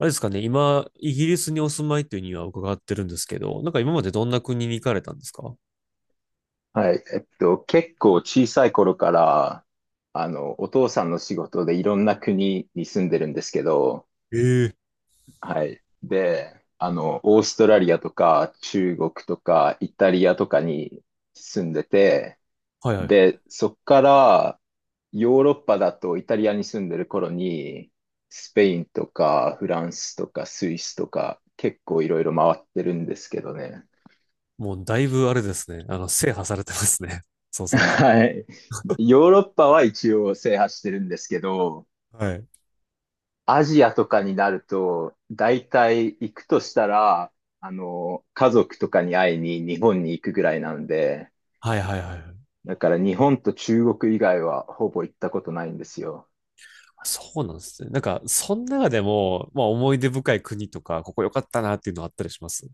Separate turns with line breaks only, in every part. あれですかね、今、イギリスにお住まいというには伺ってるんですけど、なんか今までどんな国に行かれたんですか？
はい。結構小さい頃から、お父さんの仕事でいろんな国に住んでるんですけど、
ええ、
はい。で、オーストラリアとか中国とかイタリアとかに住んでて、
はいはい。
で、そっからヨーロッパだとイタリアに住んでる頃に、スペインとかフランスとかスイスとか結構いろいろ回ってるんですけどね。
もうだいぶあれですね。制覇されてますね。そうすると。
はい。ヨーロッパは一応制覇してるんですけど、
はい。
アジアとかになると、大体行くとしたら、家族とかに会いに日本に行くぐらいなんで、
はいはいはいはい。
だから日本と中国以外はほぼ行ったことないんですよ。
そうなんですね。なんか、その中でも、まあ思い出深い国とか、ここ良かったなっていうのあったりします？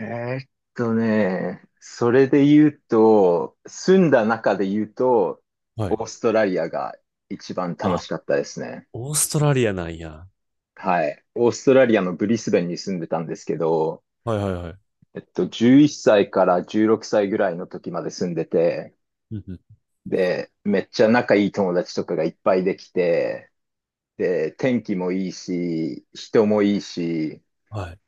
えーっそれで言うと、住んだ中で言うと、
は
オ
い。
ーストラリアが一番楽
あ、
しかったですね。
オーストラリアなんや。
はい。オーストラリアのブリスベンに住んでたんですけど、
はいはいはい。
11歳から16歳ぐらいの時まで住んでて、
うんうん。
で、めっちゃ仲いい友達とかがいっぱいできて、で、天気もいいし、人もいいし、
はい。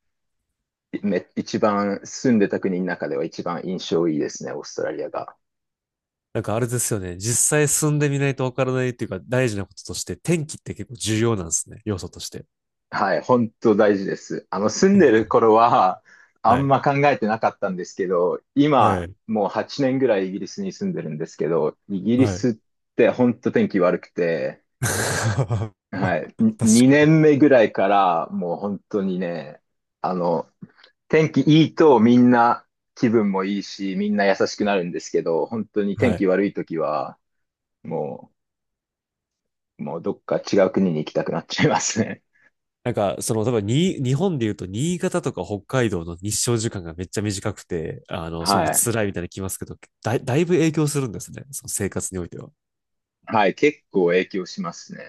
一番住んでた国の中では一番印象いいですね、オーストラリアが。
なんかあれですよね。実際住んでみないとわからないっていうか、大事なこととして、天気って結構重要なんですね。要素として。
はい、本当大事です。住んでる 頃は、あ
は
ん
い。
ま考えてなかったんですけど、
は
今、
い。
もう8年ぐらいイギリスに住んでるんですけど、イギリ
はい。
スって本当天気悪くて、
確
はい。
か
2
に。
年目ぐらいから、もう本当にね、あの、天気いいとみんな気分もいいし、みんな優しくなるんですけど、本当に
は
天
い。
気悪い時は、ももうどっか違う国に行きたくなっちゃいますね。
なんか、多分に、日本で言うと、新潟とか北海道の日照時間がめっちゃ短くて、すごく
はい。
辛いみたいなの聞きますけど、だいぶ影響するんですね。その生活においては。
はい。結構影響しますね。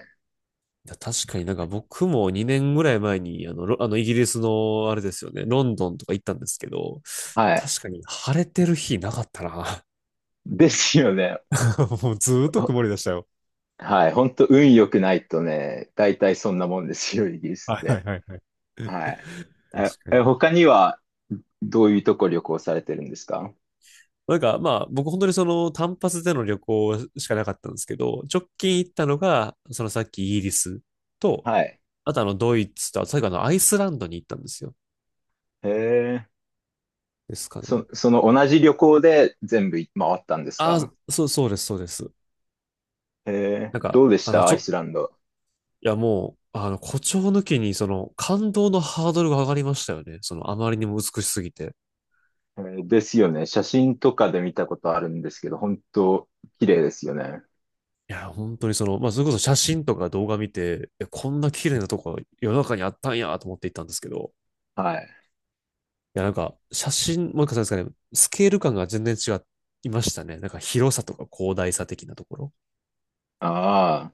確かになんか僕も2年ぐらい前に、あの、ロあの、イギリスの、あれですよね、ロンドンとか行ったんですけど、
はい。
確かに晴れてる日なかったな。
ですよね。
もうずーっと曇り
お
でしたよ。
はい。本当運良くないとね、大体そんなもんですよ、イギリスっ
はいはい
て。
はいはい。
はい。え、
確か
え
に。
他にはどういうとこ旅行されてるんですか？
なんかまあ僕本当に単発での旅行しかなかったんですけど、直近行ったのが、さっきイギリスと、
はい。
あとドイツと、最後アイスランドに行ったんですよ。
へえ。
ですかね。
その同じ旅行で全部回ったんです
あ
か？
あ、そうです、そうです。
へえ。
なんか、
どうでしたアイスランド？
いやもう、誇張抜きに感動のハードルが上がりましたよね。あまりにも美しすぎて。
ですよね。写真とかで見たことあるんですけど、本当綺麗ですよね。
いや、本当にまあ、それこそ写真とか動画見て、こんな綺麗なとこ世の中にあったんやと思って行ったんですけど、
はい。
や、なんか、写真、もう一回そうですかね、スケール感が全然違いましたね。なんか広さとか広大さ的なところ
ああ、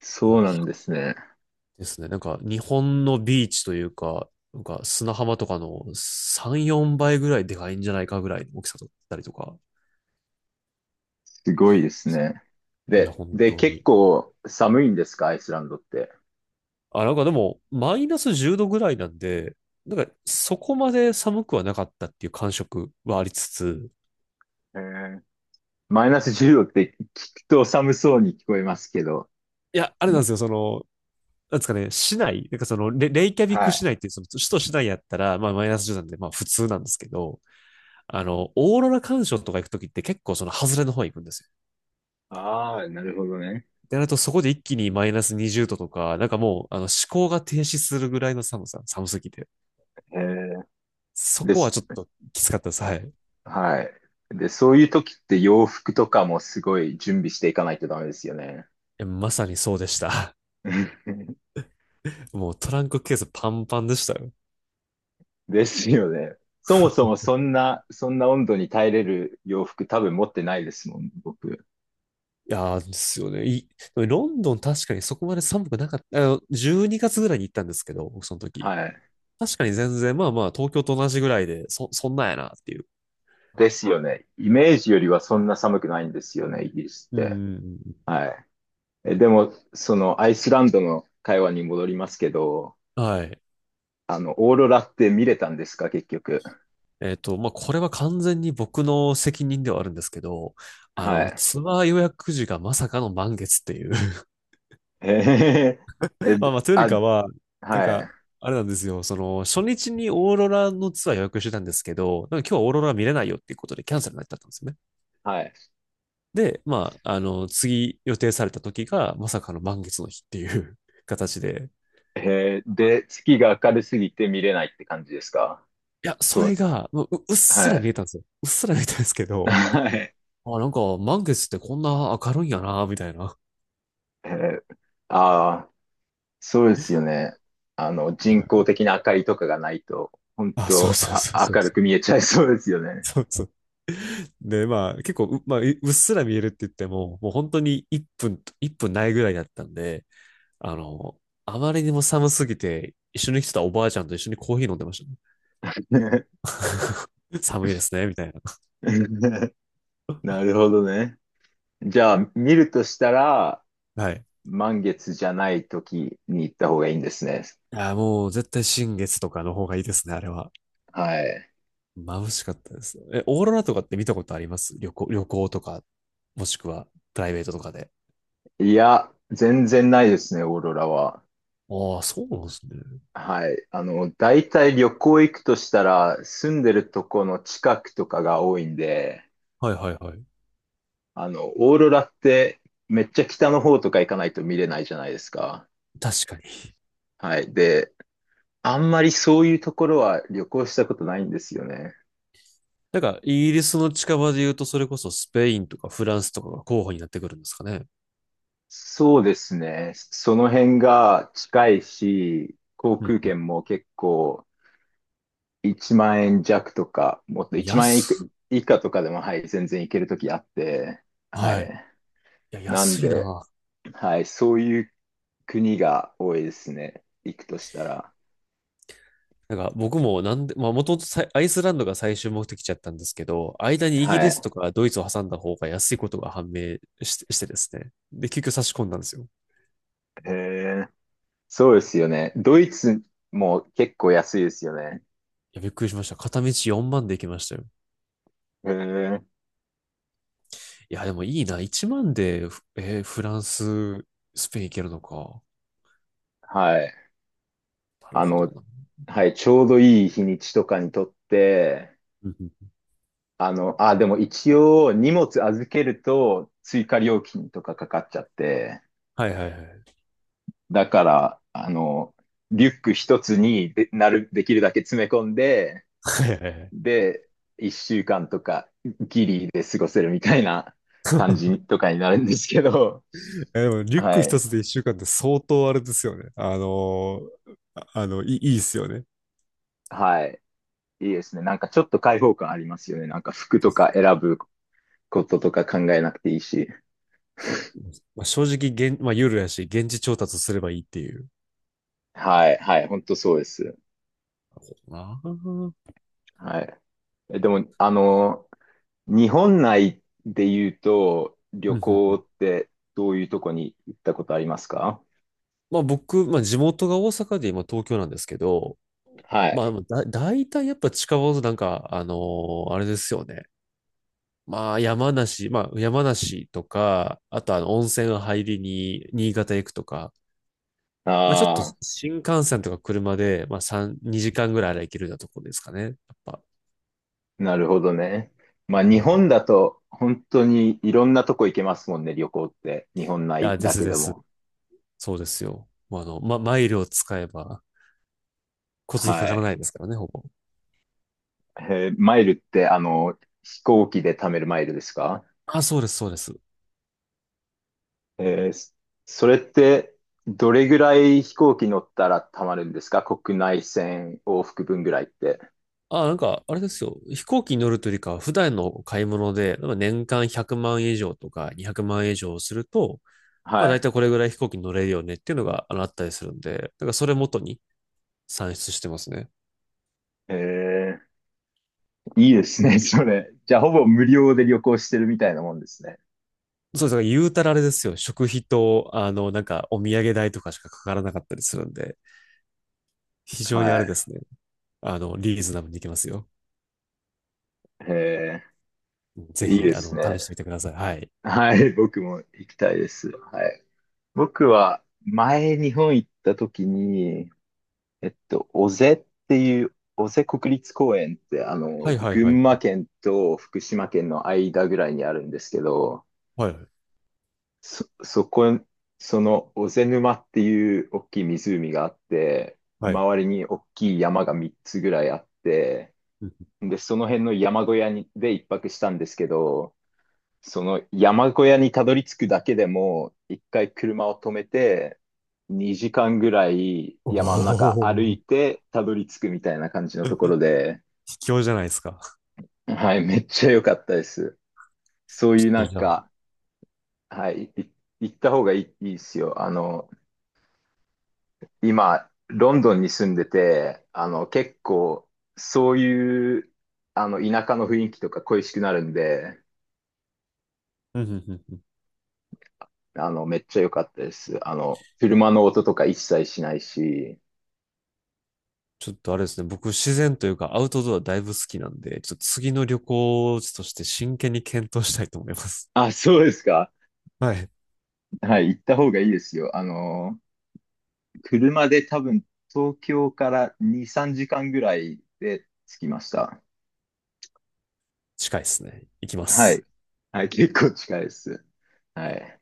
そうなんですね。
ですね。なんか、日本のビーチというか、なんか砂浜とかの3、4倍ぐらいでかいんじゃないかぐらいの大きさだったりとか。
すごいですね。
いや、
で、
本
で、
当
結
に。
構寒いんですかアイスランドって？
あ、なんかでも、マイナス10度ぐらいなんで、なんか、そこまで寒くはなかったっていう感触はありつつ、
へえ。マイナス10度って聞くと寒そうに聞こえますけど。
いや、あれなん
ま
ですよ、なんですかね、市内、なんかレイキャビッ
は
ク市
い。
内っていう、その首都市内やったら、まあマイナス10なんで、まあ普通なんですけど、オーロラ鑑賞とか行くときって結構その外れの方へ行くんですよ。
ああ、なるほどね。
で、なるとそこで一気にマイナス20度とか、なんかもう、思考が停止するぐらいの寒さ、寒すぎて。
へえ
そ
ー。で
こは
す。
ちょっときつかったです。はい。
はい。で、そういう時って洋服とかもすごい準備していかないとダメですよね。
まさにそうでした。もうトランクケースパンパンでしたよ。
ですよね。そもそもそんな温度に耐えれる洋服多分持ってないですもん、僕。
いやーですよね。でもロンドン確かにそこまで寒くなかった。12月ぐらいに行ったんですけど、僕その時。
はい。
確かに全然、まあまあ、東京と同じぐらいで、そんなんやなっていう。
ですよね。イメージよりはそんな寒くないんですよね、イギリスっ
う
て。
ん。
はい。でも、そのアイスランドの会話に戻りますけど、
はい。
オーロラって見れたんですか、結局？
まあ、これは完全に僕の責任ではあるんですけど、
はい。
ツアー予約時がまさかの満月っていう。
えへへへえ、
まあまあ、というより
あ、
かは、なん
は
か、
い。
あれなんですよ、初日にオーロラのツアー予約してたんですけど、なんか今日はオーロラ見れないよっていうことでキャンセルになっちゃったんですよね。
はい。
で、まあ、次予定された時がまさかの満月の日っていう 形で、
へえ、で、月が明るすぎて見れないって感じですか？
いや、そ
そ
れ
う、
が、もう、ううっす
は
ら見
い。
えたんですよ。うっすら見えたんですけど、
はい。
あ、なんか、満月ってこんな明るいんやな、みたいな。
えー、ああ、そうですよね。人
ね
工的な明かりとかがないと、本
あ、そう
当
そうそうそう
明
そ
る
う。
く見えちゃいそうですよね。
そうそう。で、まあ、結構う、まあ、ううっすら見えるって言っても、もう本当に1分と、分ないぐらいだったんで、あの、あまりにも寒すぎて、一緒に来てたおばあちゃんと一緒にコーヒー飲んでましたね。
ね
寒いですね、みたいな。
なるほどね。じゃあ、見るとしたら、
はい。
満月じゃない時に行った方がいいんですね。
いや、もう絶対新月とかの方がいいですね、あれは。
はい。
眩しかったです。オーロラとかって見たことあります？旅行とか、もしくはプライベートとかで。
いや、全然ないですね、オーロラは。
ああ、そうなんですね。
はい。大体旅行行くとしたら、住んでるとこの近くとかが多いんで、
はいはいはい。
オーロラってめっちゃ北の方とか行かないと見れないじゃないですか。
確かに。
はい。で、あんまりそういうところは旅行したことないんですよね。
なんか、イギリスの近場で言うと、それこそスペインとかフランスとかが候補になってくるんですかね。
そうですね。その辺が近いし、航
うん
空
うん。
券も結構1万円弱とか、もっと1万円いく
安っ、
以下とかでも、はい、全然行けるときあって、は
はい。
い。
いや、
なん
安い
で、
な。
はい、そういう国が多いですね。行くとしたら。
なんか、僕もなんで、まあ、もともとさいアイスランドが最終目的地だったんですけど、間にイギ
は
リス
い。
とかドイツを挟んだ方が安いことが判明し、してですね。で、結局差し込んだんですよ。
へえ。そうですよね。ドイツも結構安いですよね。
や、びっくりしました。片道4万で行きましたよ。
へえ。
いや、でもいいな。1万で、フランス、スペイン行けるのか。
はい。
なる
あ
ほど
の、
な。
はい、ちょうどいい日にちとかにとって、
うんうん
あ、でも一応荷物預けると追加料金とかかかっちゃって、
はいはいはい。
だから、リュック一つにできるだけ詰め込んで、
はいはいはい。
で、一週間とかギリで過ごせるみたいな感じとかになるんですけど、
でも、リュック
は
一
い。
つで一週間って相当あれですよね。いいっすよね。
はい。いいですね。なんかちょっと開放感ありますよね。なんか服と
確
か
かに。
選ぶこととか考えなくていいし。
まあ、正直、まあ、ユやし、現地調達すればいいっていう。
はい。はい。本当そうです。
ああ。うんうん
はい。でも、日本内で言うと、旅行っ てどういうとこに行ったことありますか？
まあ僕、まあ地元が大阪で今東京なんですけど、
は
まあ
い。
だ、大体やっぱ近場のなんか、あれですよね。まあ、山梨とか、あと温泉入りに、新潟行くとか、
あ
まあ、ちょっと
あ。
新幹線とか車で、まあ、3、2時間ぐらいあれば行けるようなところですかね。やっぱ。
なるほどね。まあ
う
日
ん。い
本だと本当にいろんなとこ行けますもんね、旅行って。日本内
や、で
だ
す
け
で
で
す。
も。
そうですよ。まあ、マイルを使えば、交通費か
は
からな
い。
いですからね、ほぼ。
マイルって飛行機で貯めるマイルですか？
あ、そうです、そうです。
えーそそれってどれぐらい飛行機乗ったら貯まるんですか？国内線往復分ぐらいって。
あ、なんか、あれですよ。飛行機に乗るというよりかは、普段の買い物で、なんか年間100万円以上とか200万円以上すると、まあ
は
大
い。
体これぐらい飛行機に乗れるよねっていうのがあったりするんで、だからそれ元に算出してますね。
えいいですね、それ。じゃあほぼ無料で旅行してるみたいなもんですね。
そうです。だから言うたらあれですよ。食費と、なんかお土産代とかしかかからなかったりするんで、非常にあ
は
れで
い。
すね。リーズナブルにいけますよ。
え
うんぜ
いい
ひ、
です
試
ね。
してみてください。はい。
はい、僕も行きたいです。はい。僕は前日本行った時に、尾瀬っていう、尾瀬国立公園って、
はいはいは
群
い。
馬県と福島県の間ぐらいにあるんですけど、
はいはい。
そ、そこ、その、小瀬沼っていう大きい湖があって、
はい。
周りに大きい山が3つぐらいあって、
うん
で、その辺の山小屋に、で一泊したんですけど、その山小屋にたどり着くだけでも、一回車を止めて、2時間ぐらい
お
山の中歩
お、
いてたどり着くみたいな感じのところで、
卑怯じゃないですか。
はい、めっちゃ良かったです。そう
ちょ
いう
っ
な
と
ん
じゃあ。
か、はい、行った方がいいですよ。今、ロンドンに住んでて、結構、そういう、田舎の雰囲気とか恋しくなるんで、
うんうんうん
めっちゃ良かったです。車の音とか一切しないし。
ちょっとあれですね、僕自然というかアウトドアだいぶ好きなんで、ちょっと次の旅行地として真剣に検討したいと思います。
あ、そうですか。
はい。
はい、行った方がいいですよ。車で多分、東京から2、3時間ぐらいで着きました。はい。はい、結構近いです。はい。